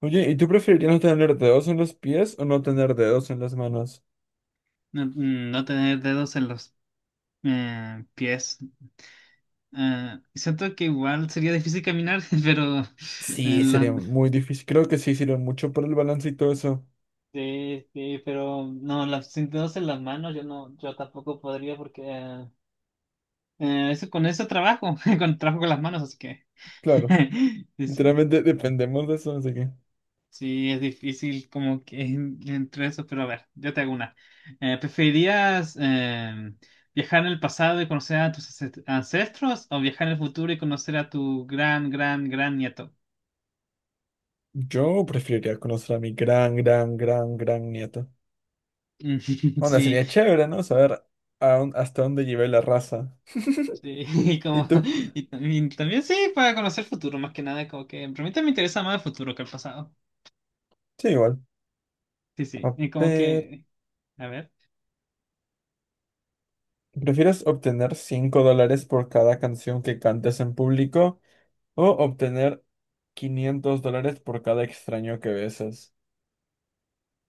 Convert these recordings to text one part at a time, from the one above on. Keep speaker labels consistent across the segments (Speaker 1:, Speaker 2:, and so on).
Speaker 1: Oye, ¿y tú preferirías no tener dedos en los pies o no tener dedos en las manos?
Speaker 2: No, no tener dedos en los pies. Siento que igual sería difícil caminar, pero eh,
Speaker 1: Sí,
Speaker 2: la-
Speaker 1: sería muy difícil. Creo que sí sirve mucho para el balance y todo eso.
Speaker 2: sí, sí, pero no, los sin dedos en las manos yo no, yo tampoco podría porque eso con eso trabajo, con trabajo con las manos, así que
Speaker 1: Claro,
Speaker 2: sí. Sí.
Speaker 1: literalmente dependemos de eso, así que
Speaker 2: Sí, es difícil como que entre eso, pero a ver, yo te hago una. ¿Preferirías viajar en el pasado y conocer a tus ancestros o viajar en el futuro y conocer a tu gran, gran, gran nieto?
Speaker 1: yo preferiría conocer a mi gran, gran, gran, gran nieto.
Speaker 2: Mm,
Speaker 1: Onda,
Speaker 2: sí,
Speaker 1: sería chévere, ¿no? Saber hasta dónde llevé la raza.
Speaker 2: sí, y
Speaker 1: ¿Y
Speaker 2: como,
Speaker 1: tú?
Speaker 2: y también, también sí, para conocer el futuro, más que nada, como que, pero a mí también me interesa más el futuro que el pasado.
Speaker 1: Sí, igual.
Speaker 2: Sí, sí,
Speaker 1: A
Speaker 2: y como
Speaker 1: ver,
Speaker 2: que, a ver,
Speaker 1: ¿prefieres obtener 5 dólares por cada canción que cantes en público o obtener $500 por cada extraño que besas?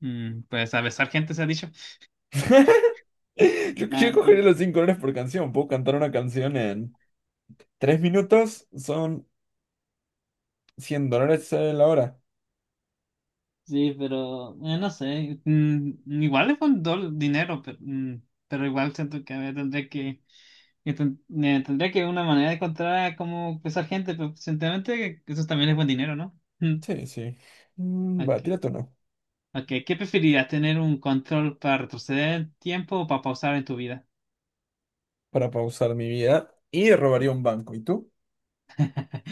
Speaker 2: mm, pues a besar gente se ha dicho.
Speaker 1: Yo,
Speaker 2: Ah,
Speaker 1: yo cogería
Speaker 2: no.
Speaker 1: los $5 por canción. Puedo cantar una canción en 3 minutos. Son $100 la hora.
Speaker 2: Sí, pero no sé, mm, igual es faltó dol dinero, pero, mm, pero igual siento que me tendría que una manera de encontrar cómo pesar gente, pero sinceramente eso también es buen dinero, ¿no? Mm.
Speaker 1: Sí, sí. Mm, va,
Speaker 2: Ok,
Speaker 1: tírate uno.
Speaker 2: ok, ¿qué preferirías? ¿Tener un control para retroceder el tiempo o para pausar en tu vida?
Speaker 1: Para pausar mi vida. Y robaría
Speaker 2: Sí.
Speaker 1: un banco. ¿Y tú?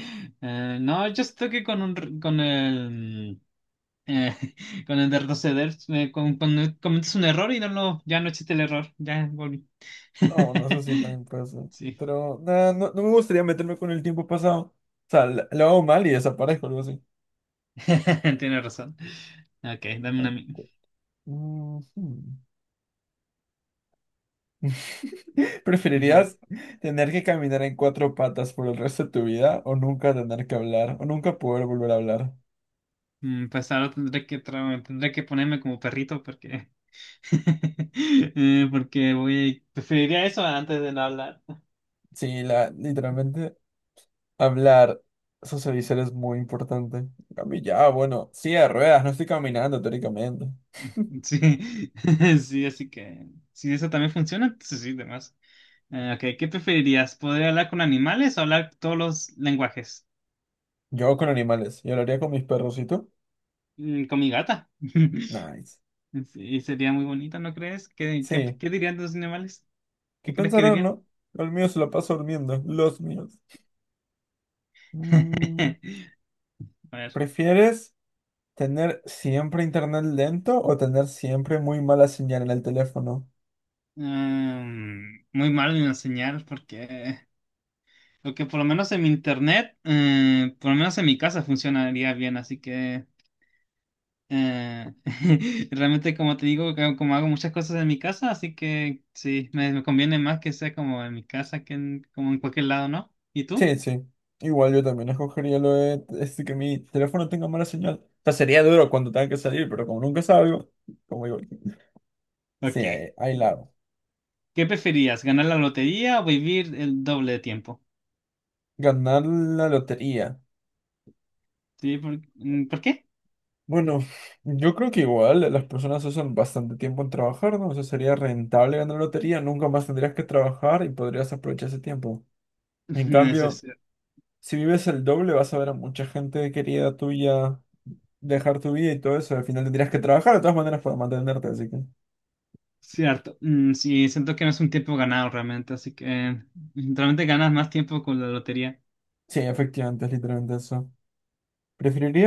Speaker 2: No, yo estoy que con con el eh, con el de retroceder, cuando cometes un error y no lo, ya no existe el error, ya volví.
Speaker 1: Oh, no sé si también puede ser.
Speaker 2: Sí,
Speaker 1: Pero nah, no, no me gustaría meterme con el tiempo pasado. O sea, lo hago mal y desaparezco, algo así.
Speaker 2: tienes razón. Ok, dame una
Speaker 1: Ah,
Speaker 2: a mí.
Speaker 1: ujú.
Speaker 2: A ver,
Speaker 1: ¿Preferirías tener que caminar en cuatro patas por el resto de tu vida o nunca tener que hablar o nunca poder volver a hablar?
Speaker 2: mm, pues ahora tendré que ponerme como perrito porque. Porque voy. Preferiría eso antes de no hablar.
Speaker 1: Sí, literalmente hablar, socializar es muy importante. A mí ya, bueno, sí, de ruedas, no estoy caminando teóricamente.
Speaker 2: Sí, sí, así que. Si eso también funciona, entonces sí, demás. Ok, ¿qué preferirías? ¿Poder hablar con animales o hablar todos los lenguajes?
Speaker 1: Yo con animales, yo lo haría con mis perros, ¿y tú?
Speaker 2: Mm, con mi gata.
Speaker 1: Nice.
Speaker 2: Sí, sería muy bonita, ¿no crees? ¿Qué, qué,
Speaker 1: Sí,
Speaker 2: qué dirían los animales? ¿Qué
Speaker 1: ¿qué
Speaker 2: crees que
Speaker 1: pensarán,
Speaker 2: dirían?
Speaker 1: no? El mío se lo pasa durmiendo, los míos. Mm,
Speaker 2: A ver.
Speaker 1: ¿prefieres tener siempre internet lento o tener siempre muy mala señal en el teléfono?
Speaker 2: Mm, muy mal en enseñar porque, porque por lo menos en mi internet, por lo menos en mi casa funcionaría bien, así que eh, realmente como te digo, como hago muchas cosas en mi casa, así que sí, me conviene más que sea como en mi casa como en cualquier lado, ¿no? ¿Y tú?
Speaker 1: Sí, sí. Igual yo también escogería lo de este, que mi teléfono tenga mala señal. O sea, sería duro cuando tenga que salir, pero como nunca salgo, como digo, sí,
Speaker 2: Ok.
Speaker 1: ahí la hago.
Speaker 2: ¿Qué preferías, ganar la lotería o vivir el doble de tiempo?
Speaker 1: Ganar la lotería.
Speaker 2: Sí, ¿por qué?
Speaker 1: Bueno, yo creo que igual las personas usan bastante tiempo en trabajar, ¿no? O sea, sería rentable ganar la lotería, nunca más tendrías que trabajar y podrías aprovechar ese tiempo. En
Speaker 2: Eso es
Speaker 1: cambio, si vives el doble, vas a ver a mucha gente querida tuya dejar tu vida y todo eso. Al final tendrías que trabajar de todas maneras para mantenerte, así que.
Speaker 2: cierto. Mm, sí, siento que no es un tiempo ganado realmente, así que realmente ganas más tiempo con la lotería.
Speaker 1: Sí, efectivamente, es literalmente eso.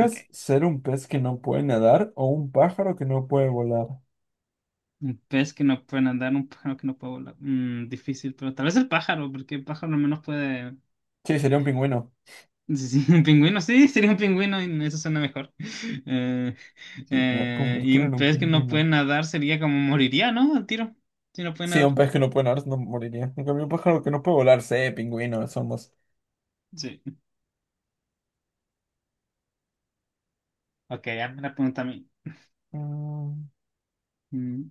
Speaker 2: Ok.
Speaker 1: ser un pez que no puede nadar o un pájaro que no puede volar?
Speaker 2: Un pez que no puede andar, un pájaro que no puede volar. Mm, difícil, pero tal vez el pájaro, porque el pájaro al menos puede...
Speaker 1: Sí, sería un pingüino.
Speaker 2: Sí, sí, un pingüino, sí, sería un pingüino y eso suena mejor. Eh,
Speaker 1: Sí, mira,
Speaker 2: y
Speaker 1: convertirlo
Speaker 2: un
Speaker 1: en un
Speaker 2: pez que no
Speaker 1: pingüino.
Speaker 2: puede nadar sería como moriría, ¿no? Al tiro, si no puede
Speaker 1: Sí, un
Speaker 2: nadar.
Speaker 1: pez que no puede nadar no moriría. En cambio, un pájaro que no puede volar, sí, pingüino, somos.
Speaker 2: Sí. Ok, hazme una pregunta a mí.
Speaker 1: Mm,
Speaker 2: Mm.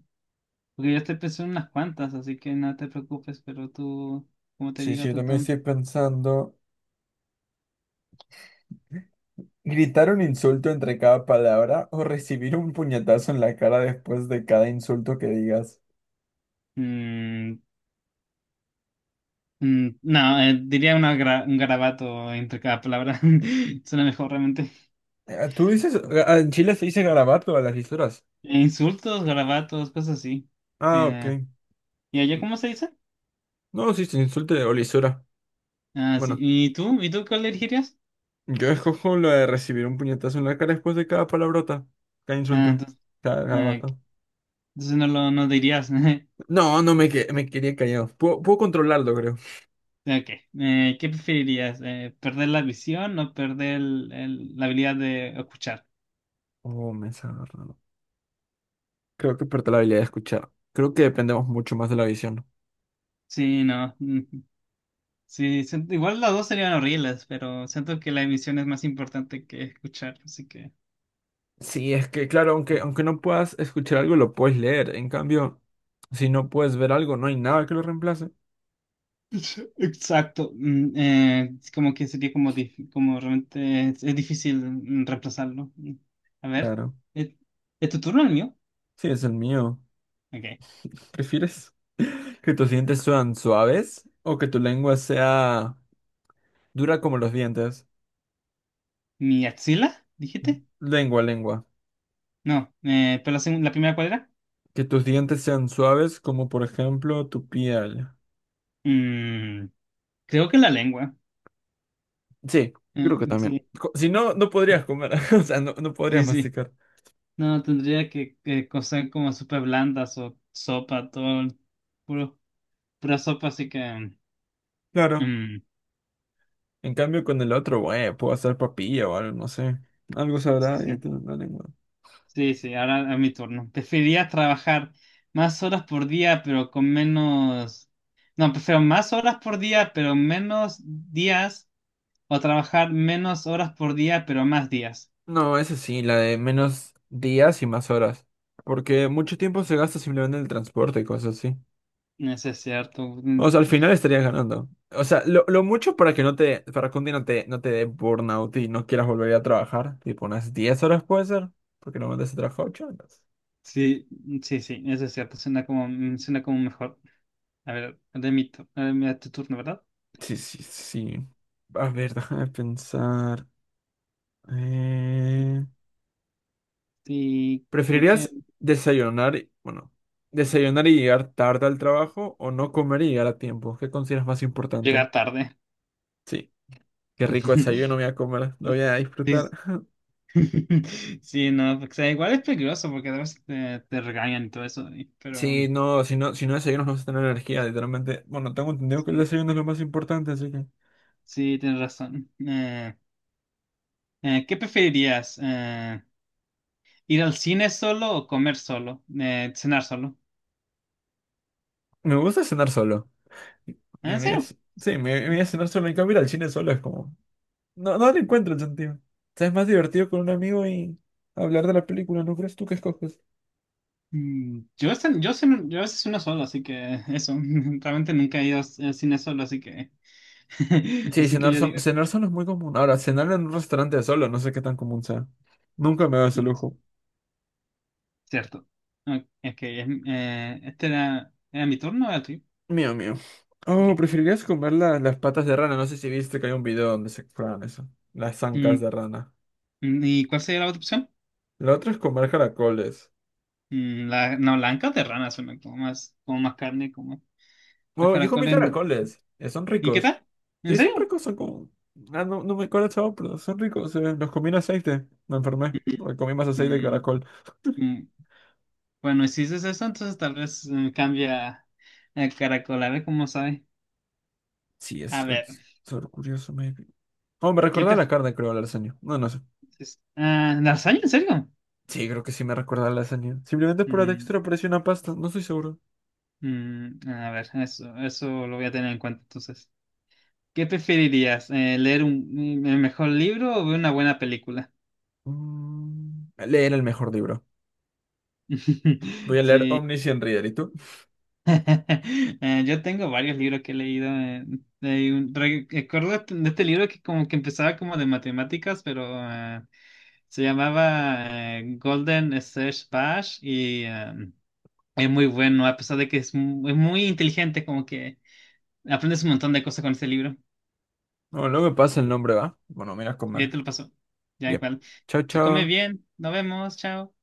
Speaker 2: Porque yo estoy pensando en unas cuantas, así que no te preocupes, pero tú, como te
Speaker 1: sí,
Speaker 2: digo,
Speaker 1: sí, yo
Speaker 2: tú
Speaker 1: también
Speaker 2: Tom.
Speaker 1: estoy pensando. ¿Gritar un insulto entre cada palabra o recibir un puñetazo en la cara después de cada insulto que digas?
Speaker 2: Mm, no, diría un garabato entre cada palabra. Suena mejor realmente.
Speaker 1: ¿Tú dices, en Chile se dice garabato a las lisuras?
Speaker 2: Insultos, garabatos, cosas así.
Speaker 1: Ah, ok.
Speaker 2: Eh, ¿Y allá cómo se dice?
Speaker 1: No, sí, se insulte o lisura.
Speaker 2: Ah, sí.
Speaker 1: Bueno,
Speaker 2: ¿Y tú? ¿Y tú cuál elegirías?
Speaker 1: yo escojo lo de recibir un puñetazo en la cara después de cada palabrota, cada
Speaker 2: Ah,
Speaker 1: insulto,
Speaker 2: entonces,
Speaker 1: cada
Speaker 2: ah, ok.
Speaker 1: vato.
Speaker 2: Entonces no dirías.
Speaker 1: No, me quería callado. Puedo controlarlo, creo.
Speaker 2: Ok. ¿Qué preferirías? ¿Perder la visión o perder la habilidad de escuchar?
Speaker 1: Oh, me está Creo que perdí la habilidad de escuchar. Creo que dependemos mucho más de la visión.
Speaker 2: Sí, no. Mm, sí, igual las dos serían horribles, pero siento que la emisión es más importante que escuchar, así que.
Speaker 1: Sí, es que claro, aunque no puedas escuchar algo, lo puedes leer. En cambio, si no puedes ver algo, no hay nada que lo reemplace.
Speaker 2: Exacto. Es como que sería como, como realmente es difícil reemplazarlo. Mm. A ver,
Speaker 1: Claro.
Speaker 2: ¿es, ¿es tu turno el mío?
Speaker 1: Sí, es el mío.
Speaker 2: Ok.
Speaker 1: ¿Prefieres que tus dientes sean suaves o que tu lengua sea dura como los dientes?
Speaker 2: ¿Mi axila? ¿Dijiste?
Speaker 1: Lengua, lengua.
Speaker 2: No, pero la, la primera cuadra.
Speaker 1: Que tus dientes sean suaves, como por ejemplo tu piel.
Speaker 2: Mm, creo que la lengua.
Speaker 1: Sí,
Speaker 2: Eh,
Speaker 1: creo que también.
Speaker 2: sí,
Speaker 1: Si no, no podrías comer. O sea, no, no podrías
Speaker 2: sí.
Speaker 1: masticar.
Speaker 2: No, tendría que cocer como súper blandas o sopa, todo, puro, pura sopa, así que...
Speaker 1: Claro.
Speaker 2: mm,
Speaker 1: En cambio, con el otro, bueno, puedo hacer papilla o algo, no sé. Algo
Speaker 2: sí,
Speaker 1: sabrá y
Speaker 2: sí,
Speaker 1: tiene la lengua.
Speaker 2: sí, ahora a mi turno. Preferiría trabajar más horas por día, pero con menos... No, prefiero más horas por día, pero menos días, o trabajar menos horas por día, pero más días.
Speaker 1: No, esa sí, la de menos días y más horas. Porque mucho tiempo se gasta simplemente en el transporte y cosas así.
Speaker 2: Eso es cierto. Mm,
Speaker 1: O sea, al final estarías ganando. O sea, lo mucho para que no te, para que un día no te dé burnout y no quieras volver a trabajar, tipo unas 10 horas puede ser, porque normalmente se trabaja 8 horas.
Speaker 2: sí, sí, eso es cierto. Suena como, mm, suena como mejor. A ver, a ver, a tu turno, ¿verdad?
Speaker 1: Sí, sí, sí. A ver, déjame pensar. Eh,
Speaker 2: Sí, creo que
Speaker 1: ¿Preferirías desayunar, y- bueno, desayunar y llegar tarde al trabajo o no comer y llegar a tiempo? ¿Qué consideras más importante?
Speaker 2: llega tarde.
Speaker 1: Sí, qué rico desayuno me voy a comer, lo voy a
Speaker 2: Sí,
Speaker 1: disfrutar.
Speaker 2: sí, sí, no, porque, o sea, igual es peligroso porque a veces te regañan y todo eso, pero
Speaker 1: Sí,
Speaker 2: mm,
Speaker 1: no, si no desayunas no vas a tener energía, literalmente. Bueno, tengo entendido que el
Speaker 2: sí,
Speaker 1: desayuno es lo más importante, así que.
Speaker 2: sí, tienes razón. ¿Qué preferirías? ¿Ir al cine solo o comer solo? ¿Cenar solo?
Speaker 1: Me gusta cenar solo. Y
Speaker 2: Ah,
Speaker 1: me
Speaker 2: ¿en
Speaker 1: voy a,
Speaker 2: serio?
Speaker 1: c- sí, me voy
Speaker 2: Sí.
Speaker 1: a cenar solo. En cambio, ir al cine solo es como. No, no le encuentro el sentido. O sea, es más divertido con un amigo y hablar de la película, ¿no crees tú que escoges?
Speaker 2: Mm, yo, yo a veces uno solo, así que eso, realmente nunca he ido al cine solo, así que,
Speaker 1: Sí,
Speaker 2: así que yo digo,
Speaker 1: cenar solo es muy común. Ahora, cenar en un restaurante solo, no sé qué tan común sea. Nunca me da ese
Speaker 2: mm,
Speaker 1: lujo.
Speaker 2: cierto. Ok, ok, este era, era mi turno, era tuyo.
Speaker 1: Mío, mío. Oh,
Speaker 2: Ok.
Speaker 1: preferirías comer las patas de rana. No sé si viste que hay un video donde se prueban eso. Las zancas
Speaker 2: Mm,
Speaker 1: de rana.
Speaker 2: mm, ¿y cuál sería la otra opción?
Speaker 1: La otra es comer caracoles.
Speaker 2: Mm, la, no, la anca de rana suena como más carne, como las
Speaker 1: Bueno, yo comí
Speaker 2: caracoles.
Speaker 1: caracoles. Son
Speaker 2: ¿Y qué
Speaker 1: ricos.
Speaker 2: tal? ¿En
Speaker 1: Sí, son
Speaker 2: serio?
Speaker 1: ricos, son como... Ah, no, no me acuerdo el sabor, pero son ricos. Los comí en aceite. Me enfermé porque comí más aceite de
Speaker 2: Mm,
Speaker 1: caracol.
Speaker 2: mm, Bueno, y si dices eso, entonces tal vez cambia el caracol, a ver cómo sabe.
Speaker 1: Sí,
Speaker 2: A
Speaker 1: es,
Speaker 2: ver,
Speaker 1: es sabor curioso, maybe. Oh, me
Speaker 2: ¿qué
Speaker 1: recordaba la
Speaker 2: prefieres?
Speaker 1: carne, creo, la lasaña. No, no sé.
Speaker 2: Ah, ¿lasaña? ¿En serio?
Speaker 1: Sí, creo que sí me recordaba la lasaña. Simplemente por la
Speaker 2: Mm,
Speaker 1: textura parece una pasta. No estoy seguro.
Speaker 2: a ver, eso lo voy a tener en cuenta entonces. ¿Qué preferirías? ¿Un mejor libro o ver una buena película?
Speaker 1: Mm, leer el mejor libro. Voy a leer
Speaker 2: Sí.
Speaker 1: Omniscient Reader. ¿Y tú?
Speaker 2: Yo tengo varios libros que he leído. Recuerdo de este libro que como que empezaba como de matemáticas, pero se llamaba Golden Search Bash y es muy bueno, a pesar de que es, es muy inteligente, como que aprendes un montón de cosas con este libro.
Speaker 1: No, no me pasa el nombre, ¿va? Bueno, mira a
Speaker 2: Y ahí
Speaker 1: comer.
Speaker 2: te lo paso. Ya
Speaker 1: Yep.
Speaker 2: igual.
Speaker 1: Chao,
Speaker 2: Pues come
Speaker 1: chao.
Speaker 2: bien, nos vemos, chao.